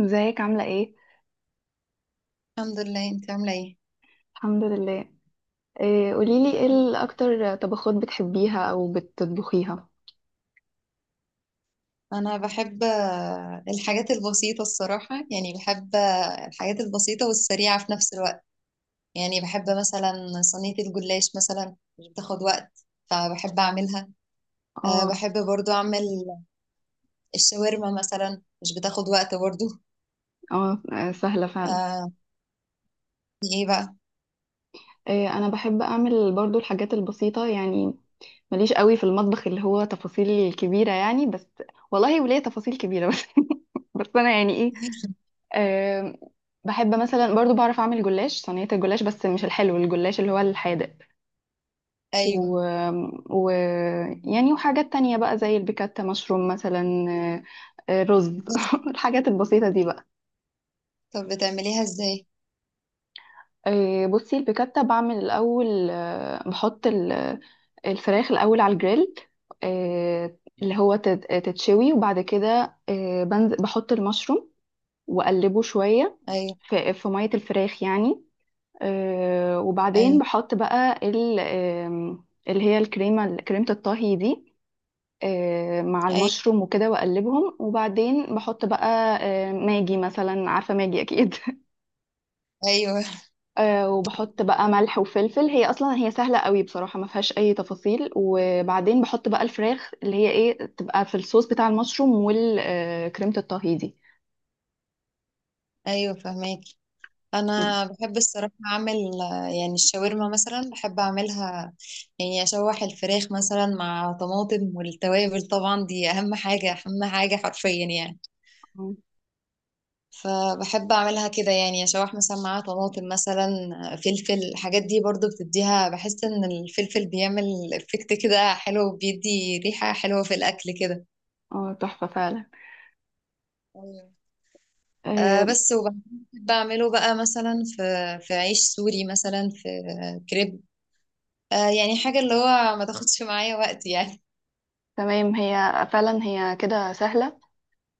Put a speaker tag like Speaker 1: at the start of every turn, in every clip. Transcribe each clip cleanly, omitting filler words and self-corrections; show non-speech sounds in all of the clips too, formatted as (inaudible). Speaker 1: ازيك عاملة ايه؟
Speaker 2: الحمد لله، انت عامله ايه؟
Speaker 1: الحمد لله. إيه، قوليلي ايه
Speaker 2: آه،
Speaker 1: اكتر طبخات بتحبيها او بتطبخيها.
Speaker 2: انا بحب الحاجات البسيطه الصراحه، يعني بحب الحاجات البسيطه والسريعه في نفس الوقت. يعني بحب مثلا صينيه الجلاش مثلا، مش بتاخد وقت فبحب اعملها.
Speaker 1: اه،
Speaker 2: بحب برضو اعمل الشاورما مثلا، مش بتاخد وقت برضو.
Speaker 1: اه، سهلة فعلا.
Speaker 2: أه. ايه بقى؟
Speaker 1: إيه، انا بحب اعمل برضو الحاجات البسيطة يعني. ماليش قوي في المطبخ اللي هو تفاصيل كبيرة يعني، بس والله وليه تفاصيل كبيرة بس. (laughs) بس انا يعني ايه.
Speaker 2: (laughs)
Speaker 1: آم، بحب مثلا برضو بعرف اعمل جلاش، صينية الجلاش بس مش الحلو، الجلاش اللي هو الحادق.
Speaker 2: ايوه.
Speaker 1: و... و... يعني وحاجات تانية بقى زي البيكاتا مشروم مثلا، رز. (laughs) الحاجات البسيطة دي بقى.
Speaker 2: طب بتعمليها ازاي؟
Speaker 1: بصي، البيكاتا بعمل الأول، بحط الفراخ الأول على الجريل، آه، اللي هو تتشوي، وبعد كده بنزل بحط المشروم وأقلبه شوية
Speaker 2: ايوه،
Speaker 1: في مية الفراخ يعني. وبعدين
Speaker 2: ايوه،
Speaker 1: بحط بقى اللي هي الكريمة، كريمة الطهي دي، مع
Speaker 2: ايوه،
Speaker 1: المشروم وكده واقلبهم، وبعدين بحط بقى ماجي مثلا، عارفه ماجي اكيد. (laughs)
Speaker 2: ايوه،
Speaker 1: وبحط بقى ملح وفلفل، هي اصلا هي سهله قوي بصراحه، ما فيهاش اي تفاصيل، وبعدين بحط بقى الفراخ اللي هي ايه تبقى في الصوص بتاع المشروم والكريمه الطهي دي.
Speaker 2: ايوه، فهماكي. انا بحب الصراحه اعمل، يعني الشاورما مثلا، بحب اعملها. يعني اشوح الفراخ مثلا مع طماطم، والتوابل طبعا دي اهم حاجه، اهم حاجه حرفيا يعني.
Speaker 1: اه،
Speaker 2: فبحب اعملها كده، يعني اشوح مثلا مع طماطم مثلا. فلفل الحاجات دي برضو بتديها، بحس ان الفلفل بيعمل افكت كده حلو، بيدي ريحه حلوه في الاكل كده.
Speaker 1: تحفه فعلا.
Speaker 2: أيوة. آه
Speaker 1: آه،
Speaker 2: بس وبعمله بقى مثلا في عيش سوري مثلا، في كريب. يعني حاجة اللي هو ما تاخدش معايا وقت يعني.
Speaker 1: تمام، هي فعلا هي كده سهله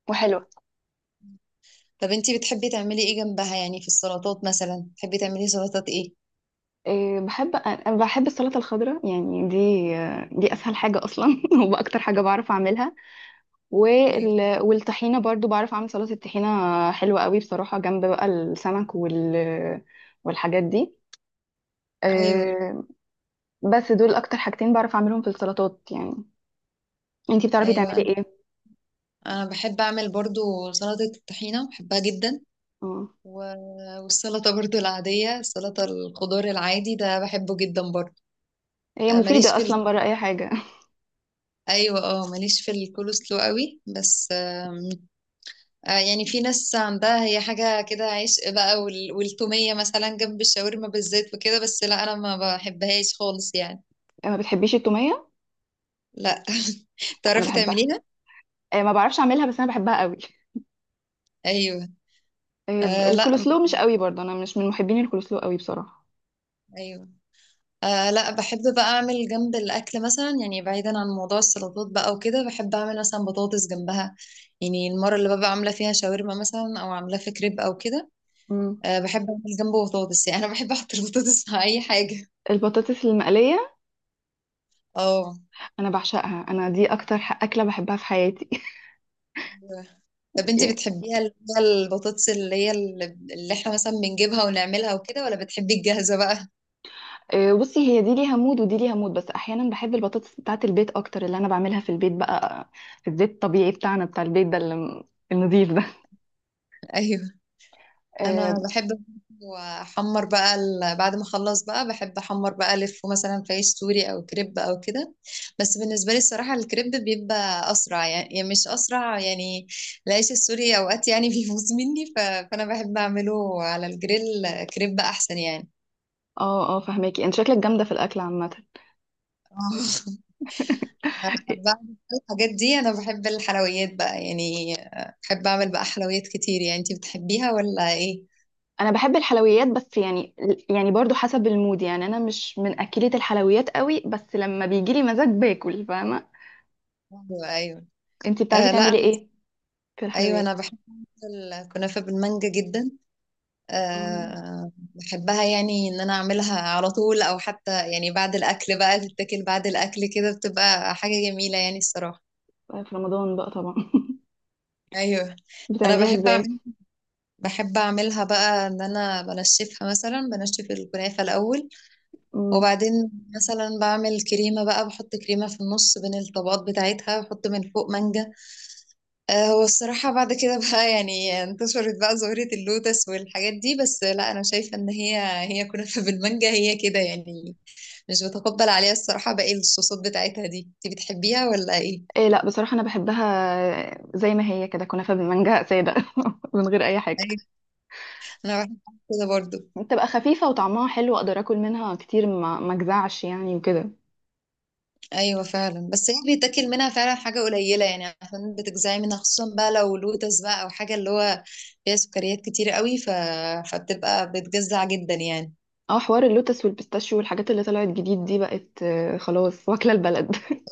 Speaker 1: وحلوه.
Speaker 2: طب انتي بتحبي تعملي ايه جنبها؟ يعني في السلطات مثلا، بتحبي تعملي سلطات ايه؟
Speaker 1: بحب، أنا بحب السلطه الخضراء يعني دي، دي اسهل حاجه اصلا. (laughs) واكتر حاجه بعرف اعملها.
Speaker 2: ايوه،
Speaker 1: والطحينة برضو بعرف أعمل سلطة الطحينة، حلوة قوي بصراحة جنب بقى السمك والحاجات دي.
Speaker 2: ايوه،
Speaker 1: أه، بس دول أكتر حاجتين بعرف أعملهم في السلطات يعني. أنتي بتعرفي تعملي
Speaker 2: ايوه، انا
Speaker 1: إيه؟
Speaker 2: أنا بحب اعمل برضو سلطة الطحينة، بحبها جدا.
Speaker 1: آه.
Speaker 2: والسلطة برضو العادية، سلطة الخضار العادي ده بحبه جدا برضو.
Speaker 1: هي
Speaker 2: آه، ماليش
Speaker 1: مفيدة
Speaker 2: في ال...
Speaker 1: أصلا بره أي حاجة.
Speaker 2: ايوه، اه، ماليش في الكولسلو قوي، بس يعني في ناس عندها هي حاجة كده عشق بقى، والتومية مثلا جنب الشاورما بالزيت وكده، بس لا، أنا ما بحبهاش خالص يعني.
Speaker 1: (laughs) ما بتحبيش التومية؟
Speaker 2: لا. (laughs)
Speaker 1: أنا
Speaker 2: تعرفي
Speaker 1: بحبها.
Speaker 2: تعمليها؟
Speaker 1: أه، ما بعرفش أعملها بس أنا بحبها قوي.
Speaker 2: أيوه.
Speaker 1: أه،
Speaker 2: لا.
Speaker 1: الكولسلو مش قوي برضه، أنا مش من محبين الكولسلو قوي بصراحة.
Speaker 2: أيوه. آه لا، بحب بقى أعمل جنب الأكل مثلا، يعني بعيدا عن موضوع السلطات بقى وكده، بحب أعمل مثلا بطاطس جنبها. يعني المرة اللي ببقى عاملة فيها شاورما مثلا أو عاملاه في كريب أو كده،
Speaker 1: مم.
Speaker 2: بحب أعمل جنبه بطاطس، يعني أنا بحب أحط البطاطس مع أي حاجة.
Speaker 1: البطاطس المقلية
Speaker 2: اه.
Speaker 1: أنا بعشقها، أنا دي أكتر أكلة بحبها في حياتي.
Speaker 2: طب انت
Speaker 1: (laughs)
Speaker 2: بتحبيها اللي هي البطاطس، اللي هي اللي احنا مثلا بنجيبها ونعملها وكده، ولا بتحبي الجاهزة بقى؟
Speaker 1: بصي، هي دي ليها مود ودي ليها مود، بس احيانا بحب البطاطس بتاعت البيت اكتر، اللي انا بعملها في البيت بقى في الزيت الطبيعي بتاعنا بتاع البيت ده النضيف ده.
Speaker 2: (laughs) ايوه، انا
Speaker 1: اه،
Speaker 2: بحب احمر بقى بعد ما اخلص بقى، بحب احمر بقى الف مثلا في عيش سوري او كريب او كده. بس بالنسبة لي الصراحة الكريب بيبقى اسرع، يعني مش اسرع يعني. العيش السوري اوقات يعني (laughs) بيفوز مني، فانا بحب اعمله على الجريل. كريب احسن يعني.
Speaker 1: اه، فهماكي، انت شكلك جامده في الاكل عامه.
Speaker 2: (laughs) آه. بعد
Speaker 1: (laughs)
Speaker 2: الحاجات دي، انا بحب الحلويات بقى يعني، بحب اعمل بقى حلويات كتير يعني. انتي بتحبيها ولا ايه؟
Speaker 1: انا بحب الحلويات، بس يعني برضو حسب المود، يعني انا مش من اكلة الحلويات قوي، بس لما بيجي لي مزاج باكل فاهمه.
Speaker 2: ايوه، ايوه.
Speaker 1: انت بتعرفي
Speaker 2: آه، لا.
Speaker 1: تعملي ايه في
Speaker 2: ايوه، انا
Speaker 1: الحلويات؟
Speaker 2: بحب أعمل الكنافه بالمانجا جدا.
Speaker 1: آه،
Speaker 2: بحبها، يعني ان انا اعملها على طول، او حتى يعني بعد الاكل بقى، تتاكل بعد الاكل كده، بتبقى حاجه جميله يعني الصراحه.
Speaker 1: في رمضان بقى طبعا. (laughs)
Speaker 2: ايوه، انا
Speaker 1: بتعمليها ازاي؟
Speaker 2: بحب اعملها بقى، ان انا بنشفها مثلا، بنشف الكنافه الاول.
Speaker 1: مم.
Speaker 2: وبعدين مثلا بعمل كريمة بقى، بحط كريمة في النص بين الطبقات بتاعتها، بحط من فوق مانجا. هو الصراحة بعد كده (laughs) بقى، يعني انتشرت بقى ظاهرة اللوتس والحاجات دي، بس لا، أنا شايفة إن هي كنافة (laughs) بالمانجا، هي كده يعني. مش بتقبل عليها الصراحة باقي الصوصات بتاعتها دي، انت بتحبيها ولا ايه؟
Speaker 1: إيه، لا بصراحة أنا بحبها زي ما هي كده، كنافة بالمانجا سادة. (laughs) من غير أي حاجة،
Speaker 2: أيوة، أنا بحب كده برضو.
Speaker 1: بتبقى خفيفة وطعمها حلو، أقدر أكل منها كتير، ما أجزعش يعني وكده.
Speaker 2: ايوه فعلا، بس هي بيتاكل منها فعلا حاجه قليله يعني، عشان بتجزعي منها خصوصا بقى لو لوتس بقى، او حاجه اللي هو فيها سكريات كتير قوي، فبتبقى بتجزع جدا يعني.
Speaker 1: اه، حوار اللوتس والبيستاشيو والحاجات اللي طلعت جديد دي بقت خلاص واكلة البلد. (laughs)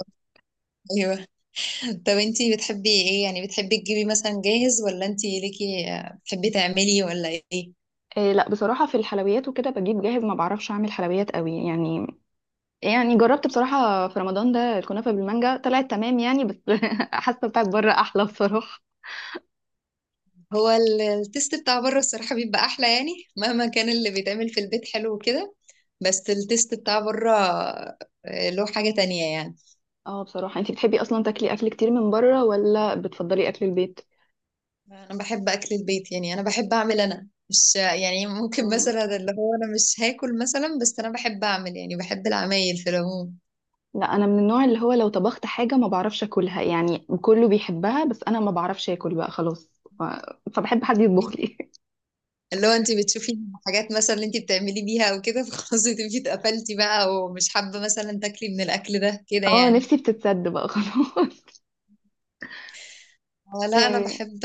Speaker 2: ايوه. (laughs) طب انتي بتحبي ايه؟ يعني بتحبي تجيبي مثلا جاهز، ولا انتي ليكي بتحبي تعملي ولا ايه؟
Speaker 1: إيه، لا بصراحة في الحلويات وكده بجيب جاهز، ما بعرفش أعمل حلويات قوي يعني. يعني جربت بصراحة في رمضان ده الكنافة بالمانجا، طلعت تمام يعني، بس. (laughs) حاسة بتاعت بره أحلى بصراحة.
Speaker 2: هو التيست بتاع بره الصراحه بيبقى احلى يعني، مهما كان اللي بيتعمل في البيت حلو وكده، بس التيست بتاع بره له حاجه تانية يعني.
Speaker 1: اه بصراحة، انتي بتحبي أصلا تاكلي أكل كتير من بره ولا بتفضلي أكل البيت؟
Speaker 2: انا بحب اكل البيت يعني، انا بحب اعمل، انا مش يعني، ممكن مثلا اللي هو انا مش هاكل مثلا، بس انا بحب اعمل يعني، بحب العمايل في العموم.
Speaker 1: لا، انا من النوع اللي هو لو طبخت حاجه ما بعرفش اكلها، يعني كله بيحبها بس انا ما بعرفش اكل بقى خلاص. ف... فبحب حد يطبخ لي. (laughs)
Speaker 2: اللي هو انت بتشوفي حاجات مثلا اللي انت بتعملي بيها او كده، فخلاص تبقي اتقفلتي بقى، ومش حابه مثلا تاكلي من الاكل ده كده
Speaker 1: اه،
Speaker 2: يعني؟
Speaker 1: نفسي بتتسد بقى خلاص.
Speaker 2: آه، لا،
Speaker 1: (laughs)
Speaker 2: انا
Speaker 1: إيه.
Speaker 2: بحب،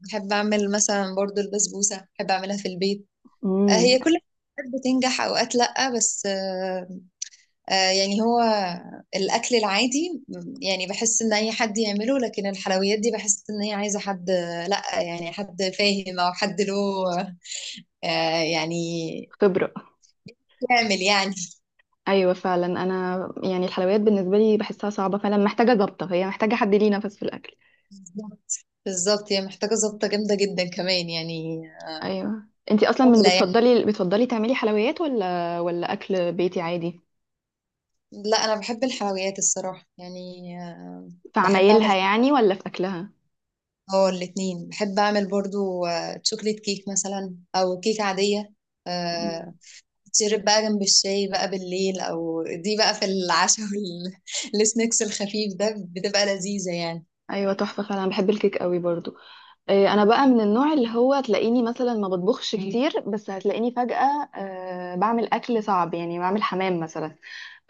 Speaker 2: بحب اعمل مثلا برضو البسبوسه، بحب اعملها في البيت.
Speaker 1: امم.
Speaker 2: هي كل حاجات بتنجح اوقات، لا بس يعني هو الأكل العادي يعني بحس إن أي حد يعمله، لكن الحلويات دي بحس إن هي عايزة حد، لأ يعني حد فاهم أو حد له يعني
Speaker 1: خبره.
Speaker 2: يعمل يعني.
Speaker 1: ايوه فعلا، انا يعني الحلويات بالنسبه لي بحسها صعبه فعلا، محتاجه ضبطه، هي محتاجه حد ليه نفس في الاكل.
Speaker 2: بالظبط، بالظبط هي محتاجة ظبطة جامدة جدا كمان يعني.
Speaker 1: ايوه، انتي اصلا من
Speaker 2: سهلة يعني.
Speaker 1: بتفضلي تعملي حلويات ولا اكل بيتي عادي؟
Speaker 2: لا، أنا بحب الحلويات الصراحة يعني. آه،
Speaker 1: في
Speaker 2: بحب أعمل
Speaker 1: عمايلها
Speaker 2: حلويات.
Speaker 1: يعني ولا في اكلها؟
Speaker 2: اه، الاتنين، بحب أعمل برضو شوكليت كيك مثلا أو كيك عادية. آه،
Speaker 1: مم.
Speaker 2: تشرب بقى جنب الشاي بقى بالليل، او دي بقى في العشاء والسناكس (laughs) الخفيف ده، بتبقى لذيذة يعني.
Speaker 1: ايوه تحفه فعلا، بحب الكيك قوي برضو. إيه، انا بقى من النوع اللي هو تلاقيني مثلا ما بطبخش كتير، بس هتلاقيني فجأة بعمل اكل صعب، يعني بعمل حمام مثلا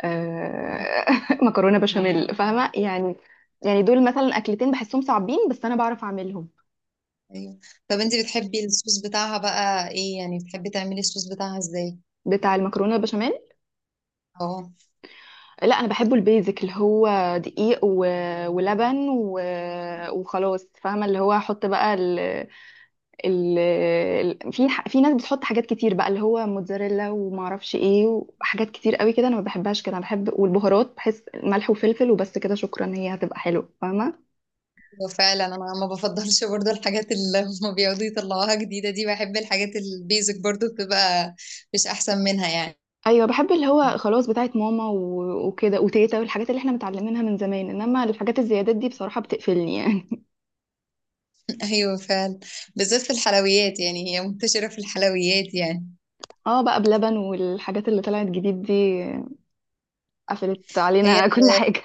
Speaker 1: أه (laughs) مكرونة بشاميل فاهمة يعني، يعني دول مثلا اكلتين بحسهم صعبين بس انا بعرف اعملهم.
Speaker 2: ايوه. طب انت بتحبي الصوص بتاعها بقى ايه؟ يعني بتحبي تعملي الصوص بتاعها ازاي؟
Speaker 1: بتاع المكرونة بشاميل؟
Speaker 2: اه.
Speaker 1: لا، انا بحبه البيزك، اللي هو دقيق ولبن وخلاص فاهمة، اللي هو احط بقى في ناس بتحط حاجات كتير بقى اللي هو موتزاريلا وما اعرفش ايه، وحاجات كتير قوي كده انا ما بحبهاش كده، انا بحب والبهارات، بحس ملح وفلفل وبس كده شكرا، هي هتبقى حلوه فاهمه.
Speaker 2: هو فعلا انا ما بفضلش برضو الحاجات اللي هما بيقعدوا يطلعوها جديدة دي، بحب الحاجات البيزك برضو، بتبقى مش احسن منها يعني.
Speaker 1: ايوه بحب اللي هو خلاص بتاعت ماما وكده وتيتا والحاجات اللي احنا متعلمينها من زمان، انما الحاجات الزيادات دي بصراحه بتقفلني يعني.
Speaker 2: (laughs) ايوه فعلا، بالذات في الحلويات يعني، هي منتشرة في الحلويات يعني.
Speaker 1: (laughs) اه، بقى بلبن والحاجات اللي طلعت جديد دي قفلت
Speaker 2: هي
Speaker 1: علينا. (laughs) كل حاجه.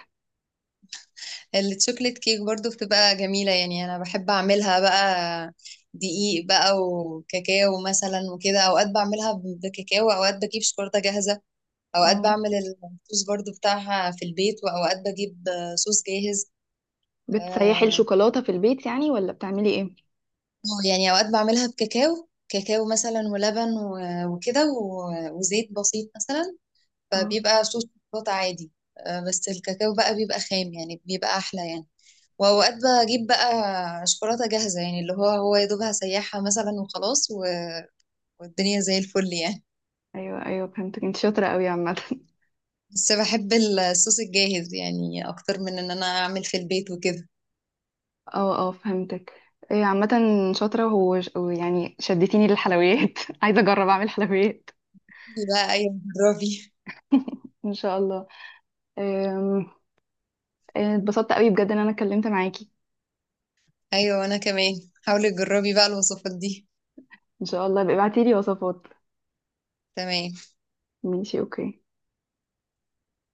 Speaker 2: التشوكلت كيك برضو بتبقى جميلة يعني، أنا بحب أعملها بقى. دقيق بقى وكاكاو مثلا وكده، أوقات بعملها بكاكاو، أوقات بجيب شوكولاتة جاهزة. أوقات
Speaker 1: اه،
Speaker 2: بعمل الصوص برضو بتاعها في البيت، وأوقات بجيب صوص جاهز.
Speaker 1: بتسيحي
Speaker 2: آه،
Speaker 1: الشوكولاته في البيت يعني ولا بتعملي ايه؟
Speaker 2: يعني أوقات بعملها بكاكاو، كاكاو مثلا ولبن وكده وزيت بسيط مثلا.
Speaker 1: اه.
Speaker 2: فبيبقى صوص شوكولاتة عادي. بس الكاكاو بقى بيبقى خام يعني، بيبقى أحلى يعني. واوقات بجيب بقى شوكولاته جاهزه يعني، اللي هو يا دوبها سيحها مثلا وخلاص، والدنيا زي الفل يعني.
Speaker 1: ايوه، ايوه، فهمتك، انت شاطره قوي عامه.
Speaker 2: بس بحب الصوص الجاهز يعني اكتر من ان انا اعمل في البيت وكده.
Speaker 1: اه، اه، فهمتك. إيه عامة، شاطرة ويعني شدتيني للحلويات. (laughs) عايزة أجرب أعمل حلويات
Speaker 2: دي بقى، ايوه، جربي.
Speaker 1: إن شاء الله. أم، إيه، اتبسطت قوي بجد إن أنا اتكلمت معاكي.
Speaker 2: ايوه، وانا كمان. حاولي تجربي بقى الوصفات دي.
Speaker 1: إن شاء الله ابقي ابعتيلي وصفات.
Speaker 2: تمام.
Speaker 1: ماشي، أوكي.